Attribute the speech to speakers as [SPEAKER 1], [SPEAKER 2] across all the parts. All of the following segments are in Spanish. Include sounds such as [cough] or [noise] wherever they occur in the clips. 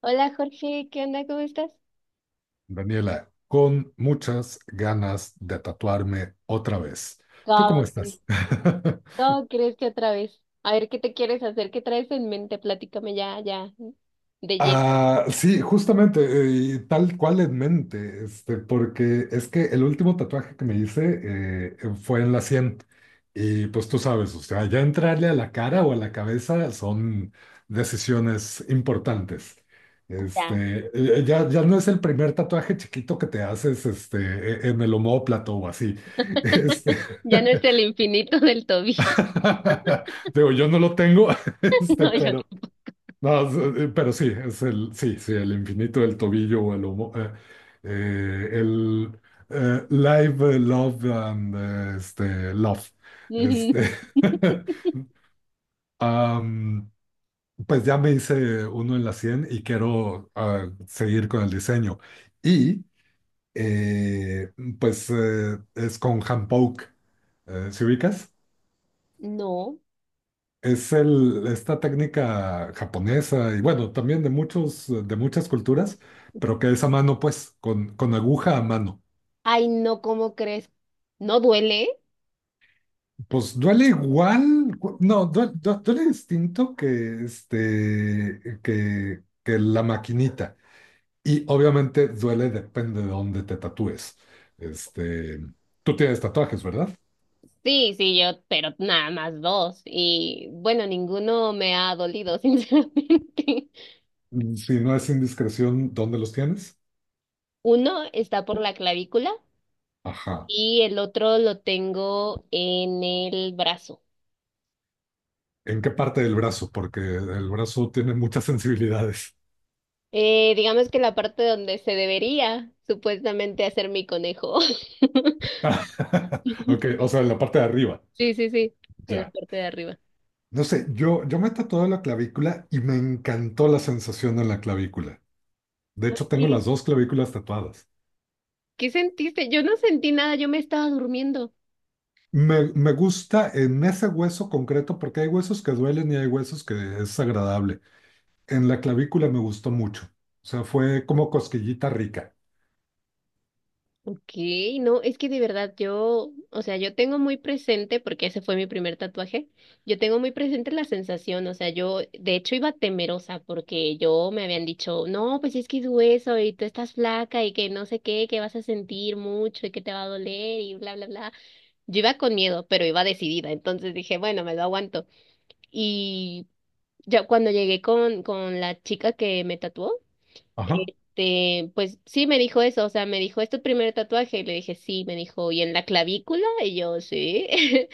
[SPEAKER 1] Hola Jorge, ¿qué onda? ¿Cómo estás?
[SPEAKER 2] Daniela, con muchas ganas de tatuarme otra vez. ¿Tú
[SPEAKER 1] ¿Cómo
[SPEAKER 2] cómo
[SPEAKER 1] crees?
[SPEAKER 2] estás? [laughs]
[SPEAKER 1] ¿Cómo crees que otra vez? A ver, ¿qué te quieres hacer? ¿Qué traes en mente? Platícame ya, ya, de lleno,
[SPEAKER 2] Ah, sí, justamente, y tal cual en mente, porque es que el último tatuaje que me hice fue en la sien. Y pues tú sabes, o sea, ya entrarle a la cara o a la cabeza son decisiones importantes.
[SPEAKER 1] ya.
[SPEAKER 2] Este, ya no es el primer tatuaje chiquito que te haces en el omóplato o así. [laughs] Este,
[SPEAKER 1] Ya no es el infinito del tobillo.
[SPEAKER 2] [laughs] Digo, yo no lo tengo, [laughs]
[SPEAKER 1] [laughs] No.
[SPEAKER 2] pero, no, pero sí, es el, sí, sí, el infinito del tobillo o el live, love and love.
[SPEAKER 1] Ujú.
[SPEAKER 2] Este, [laughs] am, pues ya me hice uno en la 100 y quiero seguir con el diseño. Y eh, pues es con Hand. ¿Sí ubicas?
[SPEAKER 1] No.
[SPEAKER 2] Esta técnica japonesa y bueno, también de muchos, de muchas culturas, pero que es a mano, pues, con aguja a mano.
[SPEAKER 1] Ay, no, ¿cómo crees? ¿No duele?
[SPEAKER 2] Pues duele igual, no, duele distinto que la maquinita. Y obviamente duele depende de dónde te tatúes. Este, Tú tienes tatuajes, ¿verdad?
[SPEAKER 1] Sí, sí, yo, pero nada más dos. Y bueno, ninguno me ha dolido, [laughs] sinceramente.
[SPEAKER 2] Si no es indiscreción, ¿dónde los tienes?
[SPEAKER 1] Uno está por la clavícula
[SPEAKER 2] Ajá.
[SPEAKER 1] y el otro lo tengo en el brazo.
[SPEAKER 2] ¿En qué parte del brazo? Porque el brazo tiene muchas sensibilidades.
[SPEAKER 1] Digamos que la parte donde se debería supuestamente hacer mi conejo. [laughs]
[SPEAKER 2] [laughs] Ok, o sea, en la parte de arriba,
[SPEAKER 1] Sí, sí, sí, en la
[SPEAKER 2] ya.
[SPEAKER 1] parte de arriba.
[SPEAKER 2] No sé, yo me tatué la clavícula y me encantó la sensación en la clavícula. De hecho, tengo
[SPEAKER 1] Ok.
[SPEAKER 2] las dos clavículas tatuadas.
[SPEAKER 1] ¿Qué sentiste? Yo no sentí nada, yo me estaba durmiendo.
[SPEAKER 2] Me gusta en ese hueso concreto porque hay huesos que duelen y hay huesos que es agradable. En la clavícula me gustó mucho. O sea, fue como cosquillita rica.
[SPEAKER 1] Ok, no, es que de verdad yo, o sea, yo tengo muy presente, porque ese fue mi primer tatuaje, yo tengo muy presente la sensación, o sea, yo de hecho iba temerosa porque yo me habían dicho, no, pues es que es hueso y tú estás flaca y que no sé qué, que vas a sentir mucho y que te va a doler y bla, bla, bla. Yo iba con miedo, pero iba decidida, entonces dije, bueno, me lo aguanto. Y ya cuando llegué con, la chica que me tatuó,
[SPEAKER 2] Ajá.
[SPEAKER 1] este, pues sí me dijo eso, o sea, me dijo, ¿es tu primer tatuaje? Y le dije, sí, me dijo, ¿y en la clavícula? Y yo, sí. [laughs]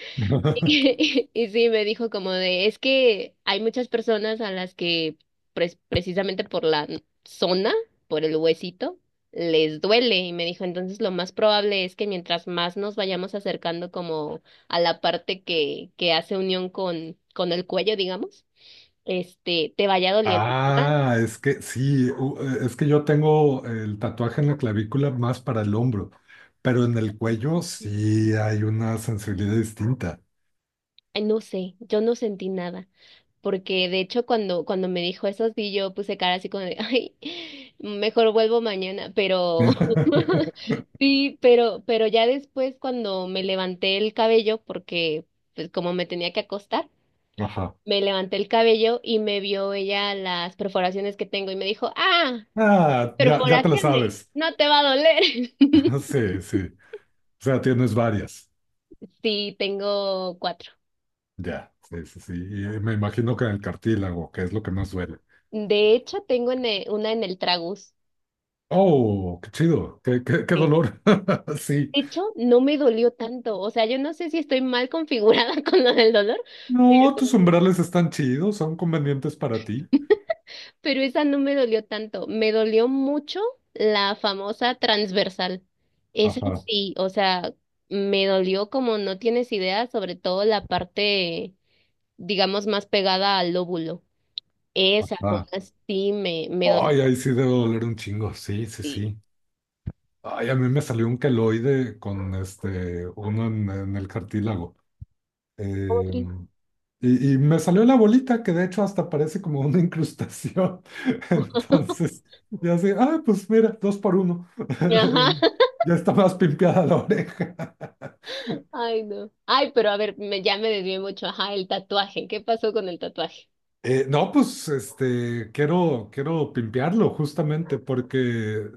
[SPEAKER 1] [laughs]
[SPEAKER 2] [laughs]
[SPEAKER 1] Y sí, me dijo como de, es que hay muchas personas a las que precisamente por la zona, por el huesito, les duele. Y me dijo, entonces lo más probable es que mientras más nos vayamos acercando como a la parte que hace unión con el cuello, digamos, este, te vaya doliendo más.
[SPEAKER 2] Ah, es que sí, es que yo tengo el tatuaje en la clavícula más para el hombro, pero en el cuello sí hay una sensibilidad distinta.
[SPEAKER 1] Ay, no sé, yo no sentí nada. Porque de hecho cuando me dijo eso, sí, yo puse cara así como de, [laughs] ay, mejor vuelvo mañana, pero [laughs]
[SPEAKER 2] [laughs]
[SPEAKER 1] sí, pero ya después cuando me levanté el cabello, porque pues como me tenía que acostar,
[SPEAKER 2] Ajá.
[SPEAKER 1] me levanté el cabello y me vio ella las perforaciones que tengo y me dijo, ah,
[SPEAKER 2] Ah, ya, ya te lo
[SPEAKER 1] perforaciones,
[SPEAKER 2] sabes.
[SPEAKER 1] no te va a doler. [laughs]
[SPEAKER 2] [laughs] Sí, sí. O sea, tienes varias.
[SPEAKER 1] Sí, tengo cuatro.
[SPEAKER 2] Ya, sí, sí, sí. Y me imagino que en el cartílago, que es lo que más duele.
[SPEAKER 1] De hecho, tengo una en el tragus.
[SPEAKER 2] Oh, qué chido, qué dolor. [laughs] Sí.
[SPEAKER 1] De hecho, no me dolió tanto. O sea, yo no sé si estoy mal configurada [laughs] con lo del dolor,
[SPEAKER 2] No, tus
[SPEAKER 1] pero,
[SPEAKER 2] umbrales están chidos, son convenientes para ti.
[SPEAKER 1] pero esa no me dolió tanto. Me dolió mucho la famosa transversal. Esa
[SPEAKER 2] Ajá,
[SPEAKER 1] sí, o sea, me dolió como no tienes idea, sobre todo la parte, digamos, más pegada al lóbulo. Esa
[SPEAKER 2] ajá.
[SPEAKER 1] zona sí me dolió.
[SPEAKER 2] Ay, ahí sí debe doler un chingo, sí, sí,
[SPEAKER 1] Sí.
[SPEAKER 2] sí. Ay, a mí me salió un queloide con uno en, el cartílago.
[SPEAKER 1] ¿Cómo crees?
[SPEAKER 2] Em, y me salió la bolita, que de hecho hasta parece como una incrustación. [laughs] Entonces, ya sé, pues mira, dos por uno.
[SPEAKER 1] Ajá.
[SPEAKER 2] [laughs]
[SPEAKER 1] [laughs]
[SPEAKER 2] Ya está más pimpeada la oreja.
[SPEAKER 1] Ay, no. Ay, pero a ver, ya me desvié mucho. Ajá, el tatuaje. ¿Qué pasó con el tatuaje?
[SPEAKER 2] No, pues quiero pimpearlo justamente porque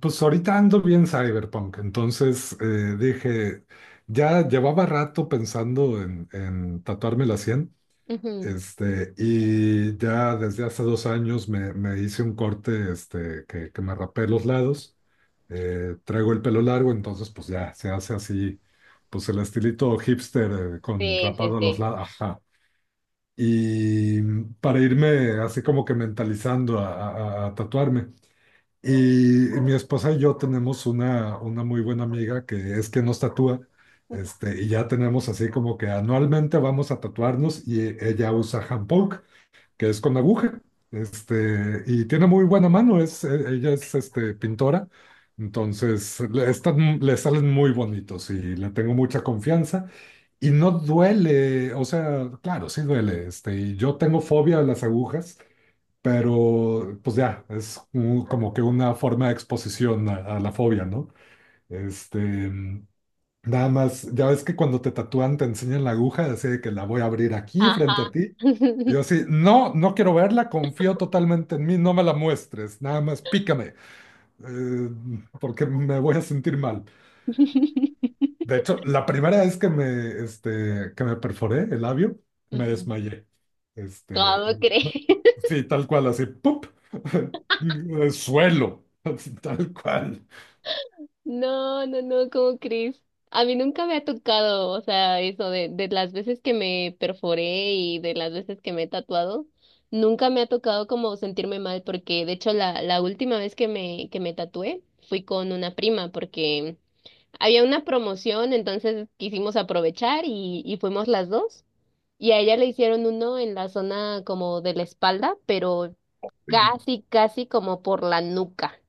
[SPEAKER 2] pues ahorita ando bien cyberpunk, entonces dije, ya llevaba rato pensando en tatuarme la sien,
[SPEAKER 1] Ujú.
[SPEAKER 2] y ya desde hace 2 años me hice un corte que me rapé los lados, traigo el pelo largo, entonces pues ya se hace así, pues el estilito hipster con
[SPEAKER 1] Sí, sí,
[SPEAKER 2] rapado a los
[SPEAKER 1] sí.
[SPEAKER 2] lados, y para irme así como que mentalizando a tatuarme. Y mi esposa y yo tenemos una muy buena amiga que es que nos tatúa, y ya tenemos así como que anualmente vamos a tatuarnos y ella usa hand poke, que es con aguja, y tiene muy buena mano, ella es pintora, entonces le salen muy bonitos y le tengo mucha confianza. Y no duele, o sea, claro, sí duele, y yo tengo fobia a las agujas, pero pues ya, es como que una forma de exposición a la fobia, ¿no? Este, mm, nada más, ya ves que cuando te tatúan te enseñan la aguja, así de que la voy a abrir aquí frente a
[SPEAKER 1] Ajá.
[SPEAKER 2] ti. Y yo así, no, no quiero verla, confío totalmente en mí, no me la muestres, nada más pícame, eh, porque me voy a sentir mal.
[SPEAKER 1] [laughs]
[SPEAKER 2] De hecho, la primera vez que me perforé el labio, me
[SPEAKER 1] Ujú.
[SPEAKER 2] desmayé. Este,
[SPEAKER 1] ¿Cómo
[SPEAKER 2] y-
[SPEAKER 1] crees? [laughs]
[SPEAKER 2] sí, tal cual, así, ¡pup! [laughs] El suelo, así, tal cual.
[SPEAKER 1] No, no, no, ¿cómo crees? A mí nunca me ha tocado, o sea, eso de las veces que me perforé y de las veces que me he tatuado, nunca me ha tocado como sentirme mal, porque de hecho la última vez que me tatué fui con una prima, porque había una promoción, entonces quisimos aprovechar y fuimos las dos. Y a ella le hicieron uno en la zona como de la espalda, pero casi, casi como por la nuca.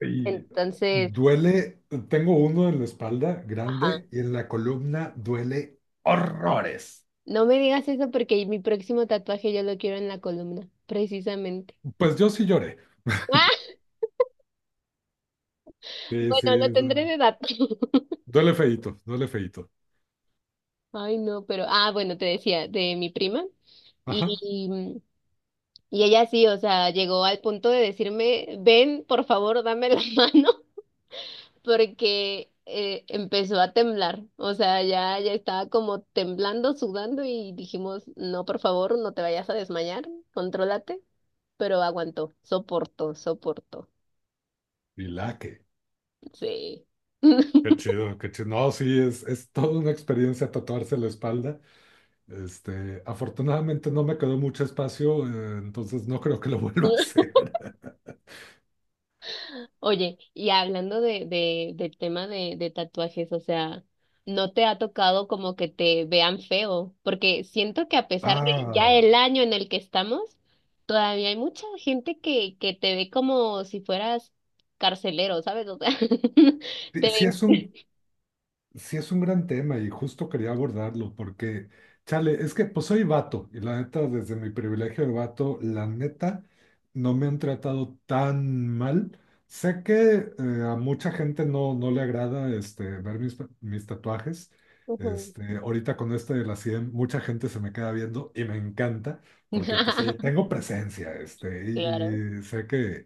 [SPEAKER 2] Y
[SPEAKER 1] Entonces,
[SPEAKER 2] duele, tengo uno en la espalda
[SPEAKER 1] ajá.
[SPEAKER 2] grande y en la columna duele horrores.
[SPEAKER 1] No me digas eso porque mi próximo tatuaje yo lo quiero en la columna, precisamente.
[SPEAKER 2] Pues yo sí lloré.
[SPEAKER 1] [laughs] Ah,
[SPEAKER 2] Sí, sí,
[SPEAKER 1] bueno, lo tendré de dato. [laughs]
[SPEAKER 2] duele feíto, duele feíto.
[SPEAKER 1] Ay, no, pero, ah, bueno, te decía, de mi prima.
[SPEAKER 2] Ajá.
[SPEAKER 1] Y, y ella sí, o sea, llegó al punto de decirme, ven, por favor, dame la [laughs] mano. Porque empezó a temblar, o sea, ya, ya estaba como temblando, sudando y dijimos, no, por favor, no te vayas a desmayar, contrólate, pero aguantó, soportó, soportó,
[SPEAKER 2] Y la que.
[SPEAKER 1] sí.
[SPEAKER 2] Qué
[SPEAKER 1] [laughs]
[SPEAKER 2] chido, qué chido. No, sí, es toda una experiencia tatuarse la espalda. Afortunadamente no me quedó mucho espacio, entonces no creo que lo [laughs] vuelva a hacer.
[SPEAKER 1] Oye, y hablando del tema de tatuajes, o sea, ¿no te ha tocado como que te vean feo? Porque siento que a pesar de ya
[SPEAKER 2] Ah,
[SPEAKER 1] el año en el que estamos, todavía hay mucha gente que te ve como si fueras carcelero, ¿sabes? O sea, [laughs]
[SPEAKER 2] sí.
[SPEAKER 1] te ven.
[SPEAKER 2] Sí, es un gran tema y justo quería abordarlo porque, chale, es que pues soy vato y la neta, desde mi privilegio de vato, la neta, no me han tratado tan mal. Sé que a mucha gente no le agrada ver mis, tatuajes.
[SPEAKER 1] Ujú.
[SPEAKER 2] Ahorita con este de la 100 mucha gente se me queda viendo y me encanta porque pues sí,
[SPEAKER 1] [laughs]
[SPEAKER 2] tengo presencia
[SPEAKER 1] Claro.
[SPEAKER 2] y, sé que,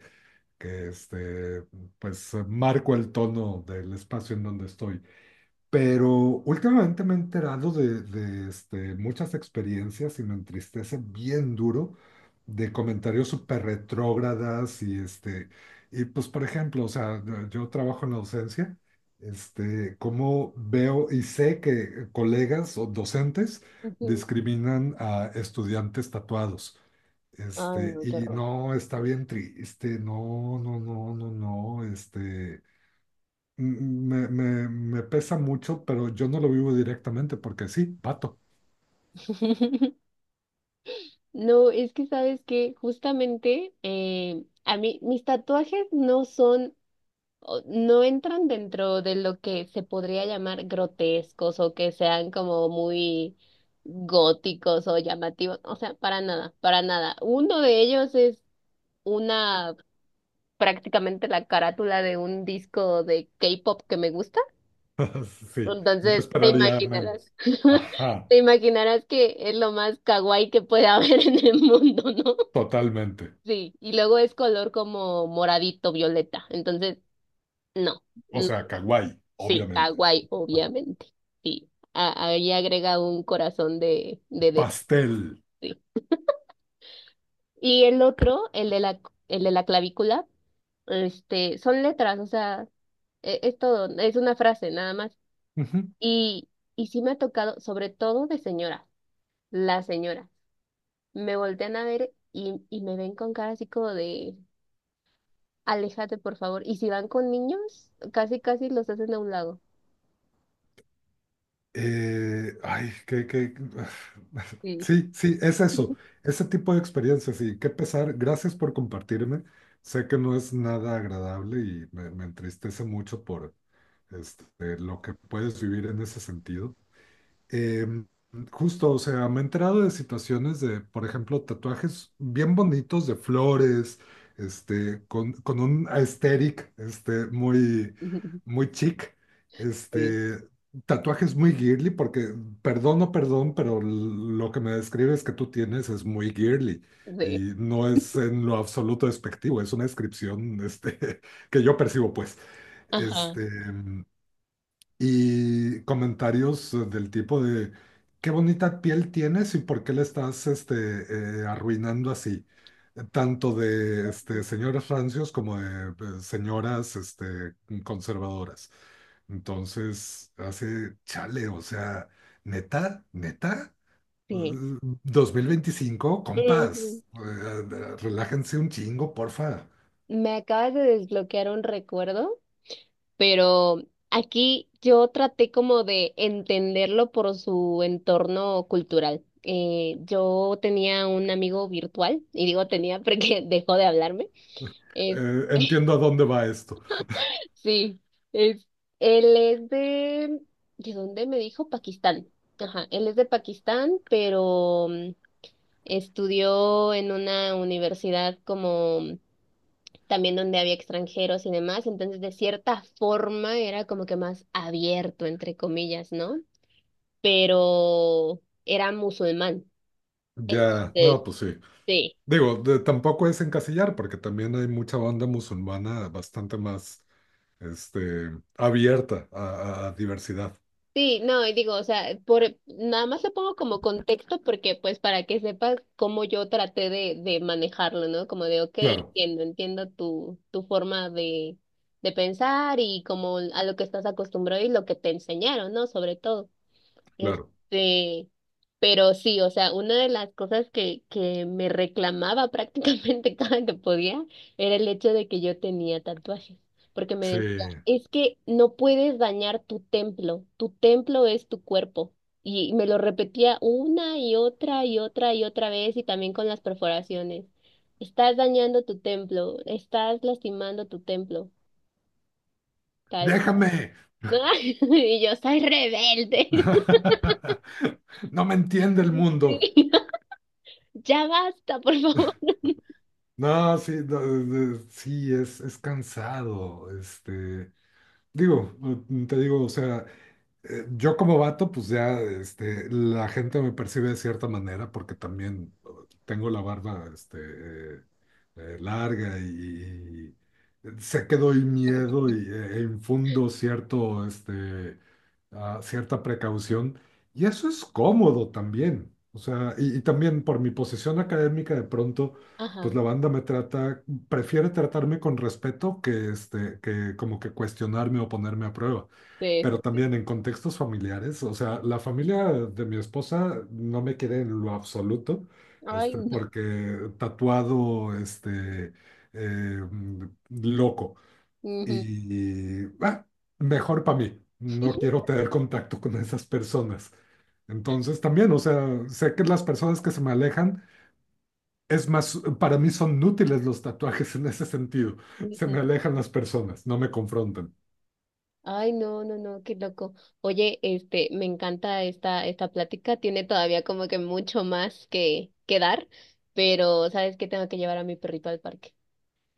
[SPEAKER 2] que este, pues marco el tono del espacio en donde estoy. Pero últimamente me he enterado de muchas experiencias y me entristece bien duro de comentarios súper retrógradas y y pues por ejemplo, o sea, yo trabajo en la docencia, cómo veo y sé que colegas o docentes
[SPEAKER 1] Ujú.
[SPEAKER 2] discriminan a estudiantes tatuados.
[SPEAKER 1] Ay,
[SPEAKER 2] Este,
[SPEAKER 1] no, qué
[SPEAKER 2] y
[SPEAKER 1] horror.
[SPEAKER 2] no, está bien triste, no, no, no, no, no, me pesa mucho, pero yo no lo vivo directamente porque sí, pato.
[SPEAKER 1] No, es que sabes que justamente a mí mis tatuajes no entran dentro de lo que se podría llamar grotescos o que sean como muy góticos o llamativos, o sea, para nada, para nada. Uno de ellos es una prácticamente la carátula de un disco de K-pop que me gusta.
[SPEAKER 2] [laughs] Sí, no
[SPEAKER 1] Entonces, te
[SPEAKER 2] esperaría
[SPEAKER 1] imaginarás,
[SPEAKER 2] menos.
[SPEAKER 1] [laughs]
[SPEAKER 2] Ajá,
[SPEAKER 1] te imaginarás que es lo más kawaii que puede [laughs] haber en el mundo, ¿no?
[SPEAKER 2] totalmente.
[SPEAKER 1] Sí, y luego es color como moradito, violeta. Entonces, no.
[SPEAKER 2] O sea, kawaii,
[SPEAKER 1] Sí,
[SPEAKER 2] obviamente.
[SPEAKER 1] kawaii, obviamente. Sí, había agregado un corazón de dedo.
[SPEAKER 2] Pastel.
[SPEAKER 1] Sí. Y el otro, el de la clavícula, este, son letras, o sea, es, todo, es una frase nada más.
[SPEAKER 2] Ujú.
[SPEAKER 1] Y, y sí me ha tocado, sobre todo de señora, la señora, me voltean a ver y me ven con cara así como de, aléjate por favor. Y si van con niños, casi, casi los hacen a un lado.
[SPEAKER 2] Ay, [laughs]
[SPEAKER 1] Sí.
[SPEAKER 2] Sí, sí, es eso. Ese tipo de experiencias y qué pesar. Gracias por compartirme. Sé que no es nada agradable y me entristece mucho por este, lo que puedes vivir en ese sentido. Eh, Justo, o sea, me he enterado de situaciones de, por ejemplo, tatuajes bien bonitos de flores, con un aesthetic, muy,
[SPEAKER 1] [laughs]
[SPEAKER 2] muy chic,
[SPEAKER 1] Sí,
[SPEAKER 2] este, tatuajes muy girly, porque, perdón o perdón, pero lo que me describes que tú tienes es muy girly.
[SPEAKER 1] sí.
[SPEAKER 2] Y no es en lo absoluto despectivo, es una descripción, [laughs] que yo percibo, pues.
[SPEAKER 1] Ajá.
[SPEAKER 2] Este, em, y comentarios del tipo de qué bonita piel tienes y por qué la estás arruinando así. Tanto de señoras rancios como de señoras conservadoras. Entonces, hace chale, o sea, neta, neta.
[SPEAKER 1] Sí.
[SPEAKER 2] Eh, 2025,
[SPEAKER 1] Ujú.
[SPEAKER 2] compas, relájense un chingo, porfa.
[SPEAKER 1] Me acabas de desbloquear un recuerdo, pero aquí yo traté como de entenderlo por su entorno cultural. Yo tenía un amigo virtual, y digo tenía porque [laughs] dejó de hablarme. Es,
[SPEAKER 2] Entiendo a dónde va esto.
[SPEAKER 1] sí, es, él es ¿de dónde me dijo? Pakistán. Ajá, él es de Pakistán, pero estudió en una universidad como también donde había extranjeros y demás, entonces de cierta forma era como que más abierto, entre comillas, ¿no? Pero era musulmán,
[SPEAKER 2] Ya,
[SPEAKER 1] entonces
[SPEAKER 2] no, pues sí.
[SPEAKER 1] sí.
[SPEAKER 2] Digo, tampoco es encasillar, porque también hay mucha banda musulmana bastante más, este, abierta a diversidad.
[SPEAKER 1] Sí, no, y digo, o sea, por nada más lo pongo como contexto porque pues para que sepas cómo yo traté de manejarlo, ¿no? Como de, ok,
[SPEAKER 2] Claro,
[SPEAKER 1] entiendo, entiendo tu forma de pensar y como a lo que estás acostumbrado y lo que te enseñaron, ¿no? Sobre todo.
[SPEAKER 2] claro.
[SPEAKER 1] Este, pero sí, o sea, una de las cosas que me reclamaba prácticamente [laughs] cada que podía era el hecho de que yo tenía tatuajes, porque me
[SPEAKER 2] Sí.
[SPEAKER 1] decía, es que no puedes dañar tu templo es tu cuerpo. Y me lo repetía una y otra y otra y otra vez y también con las perforaciones. Estás dañando tu templo, estás lastimando tu templo, tal. [laughs]
[SPEAKER 2] ¡Déjame!
[SPEAKER 1] Y yo soy rebelde. [laughs]
[SPEAKER 2] [laughs] No me entiende el
[SPEAKER 1] Sí.
[SPEAKER 2] mundo.
[SPEAKER 1] [laughs] Ya basta, por favor.
[SPEAKER 2] No, sí, no, sí, es cansado. Digo, te digo, o sea, yo como vato, pues ya la gente me percibe de cierta manera porque también tengo la barba larga y sé que doy miedo y, e infundo cierto, cierta precaución. Y eso es cómodo también. O sea, y también por mi posición académica, de pronto, pues
[SPEAKER 1] Ajá,
[SPEAKER 2] la banda me trata, prefiere tratarme con respeto que como que cuestionarme o ponerme a prueba.
[SPEAKER 1] sí, sí,
[SPEAKER 2] Pero
[SPEAKER 1] sí.
[SPEAKER 2] también en contextos familiares, o sea, la familia de mi esposa no me quiere en lo absoluto,
[SPEAKER 1] Ay, no. [laughs]
[SPEAKER 2] porque tatuado, eh, loco.
[SPEAKER 1] Ujú,
[SPEAKER 2] Y mejor para mí, no quiero tener contacto con esas personas. Entonces también, o sea, sé que las personas que se me alejan, es más, para mí son útiles los tatuajes en ese sentido. Se
[SPEAKER 1] ujú.
[SPEAKER 2] me alejan las personas, no me confrontan.
[SPEAKER 1] Ay, no, no, no, qué loco. Oye, este, me encanta esta plática. Tiene todavía como que mucho más que dar, pero sabes que tengo que llevar a mi perrito al parque.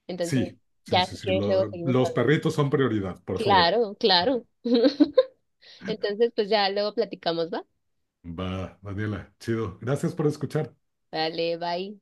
[SPEAKER 1] Entonces,
[SPEAKER 2] Sí, sí,
[SPEAKER 1] ya
[SPEAKER 2] sí,
[SPEAKER 1] si
[SPEAKER 2] sí.
[SPEAKER 1] quieres, luego
[SPEAKER 2] lo-
[SPEAKER 1] seguimos
[SPEAKER 2] los
[SPEAKER 1] hablando.
[SPEAKER 2] perritos son prioridad, por favor.
[SPEAKER 1] Claro, claro. [laughs] Entonces, pues ya luego platicamos, ¿va?
[SPEAKER 2] Va, Daniela, chido. Gracias por escuchar.
[SPEAKER 1] Vale, bye.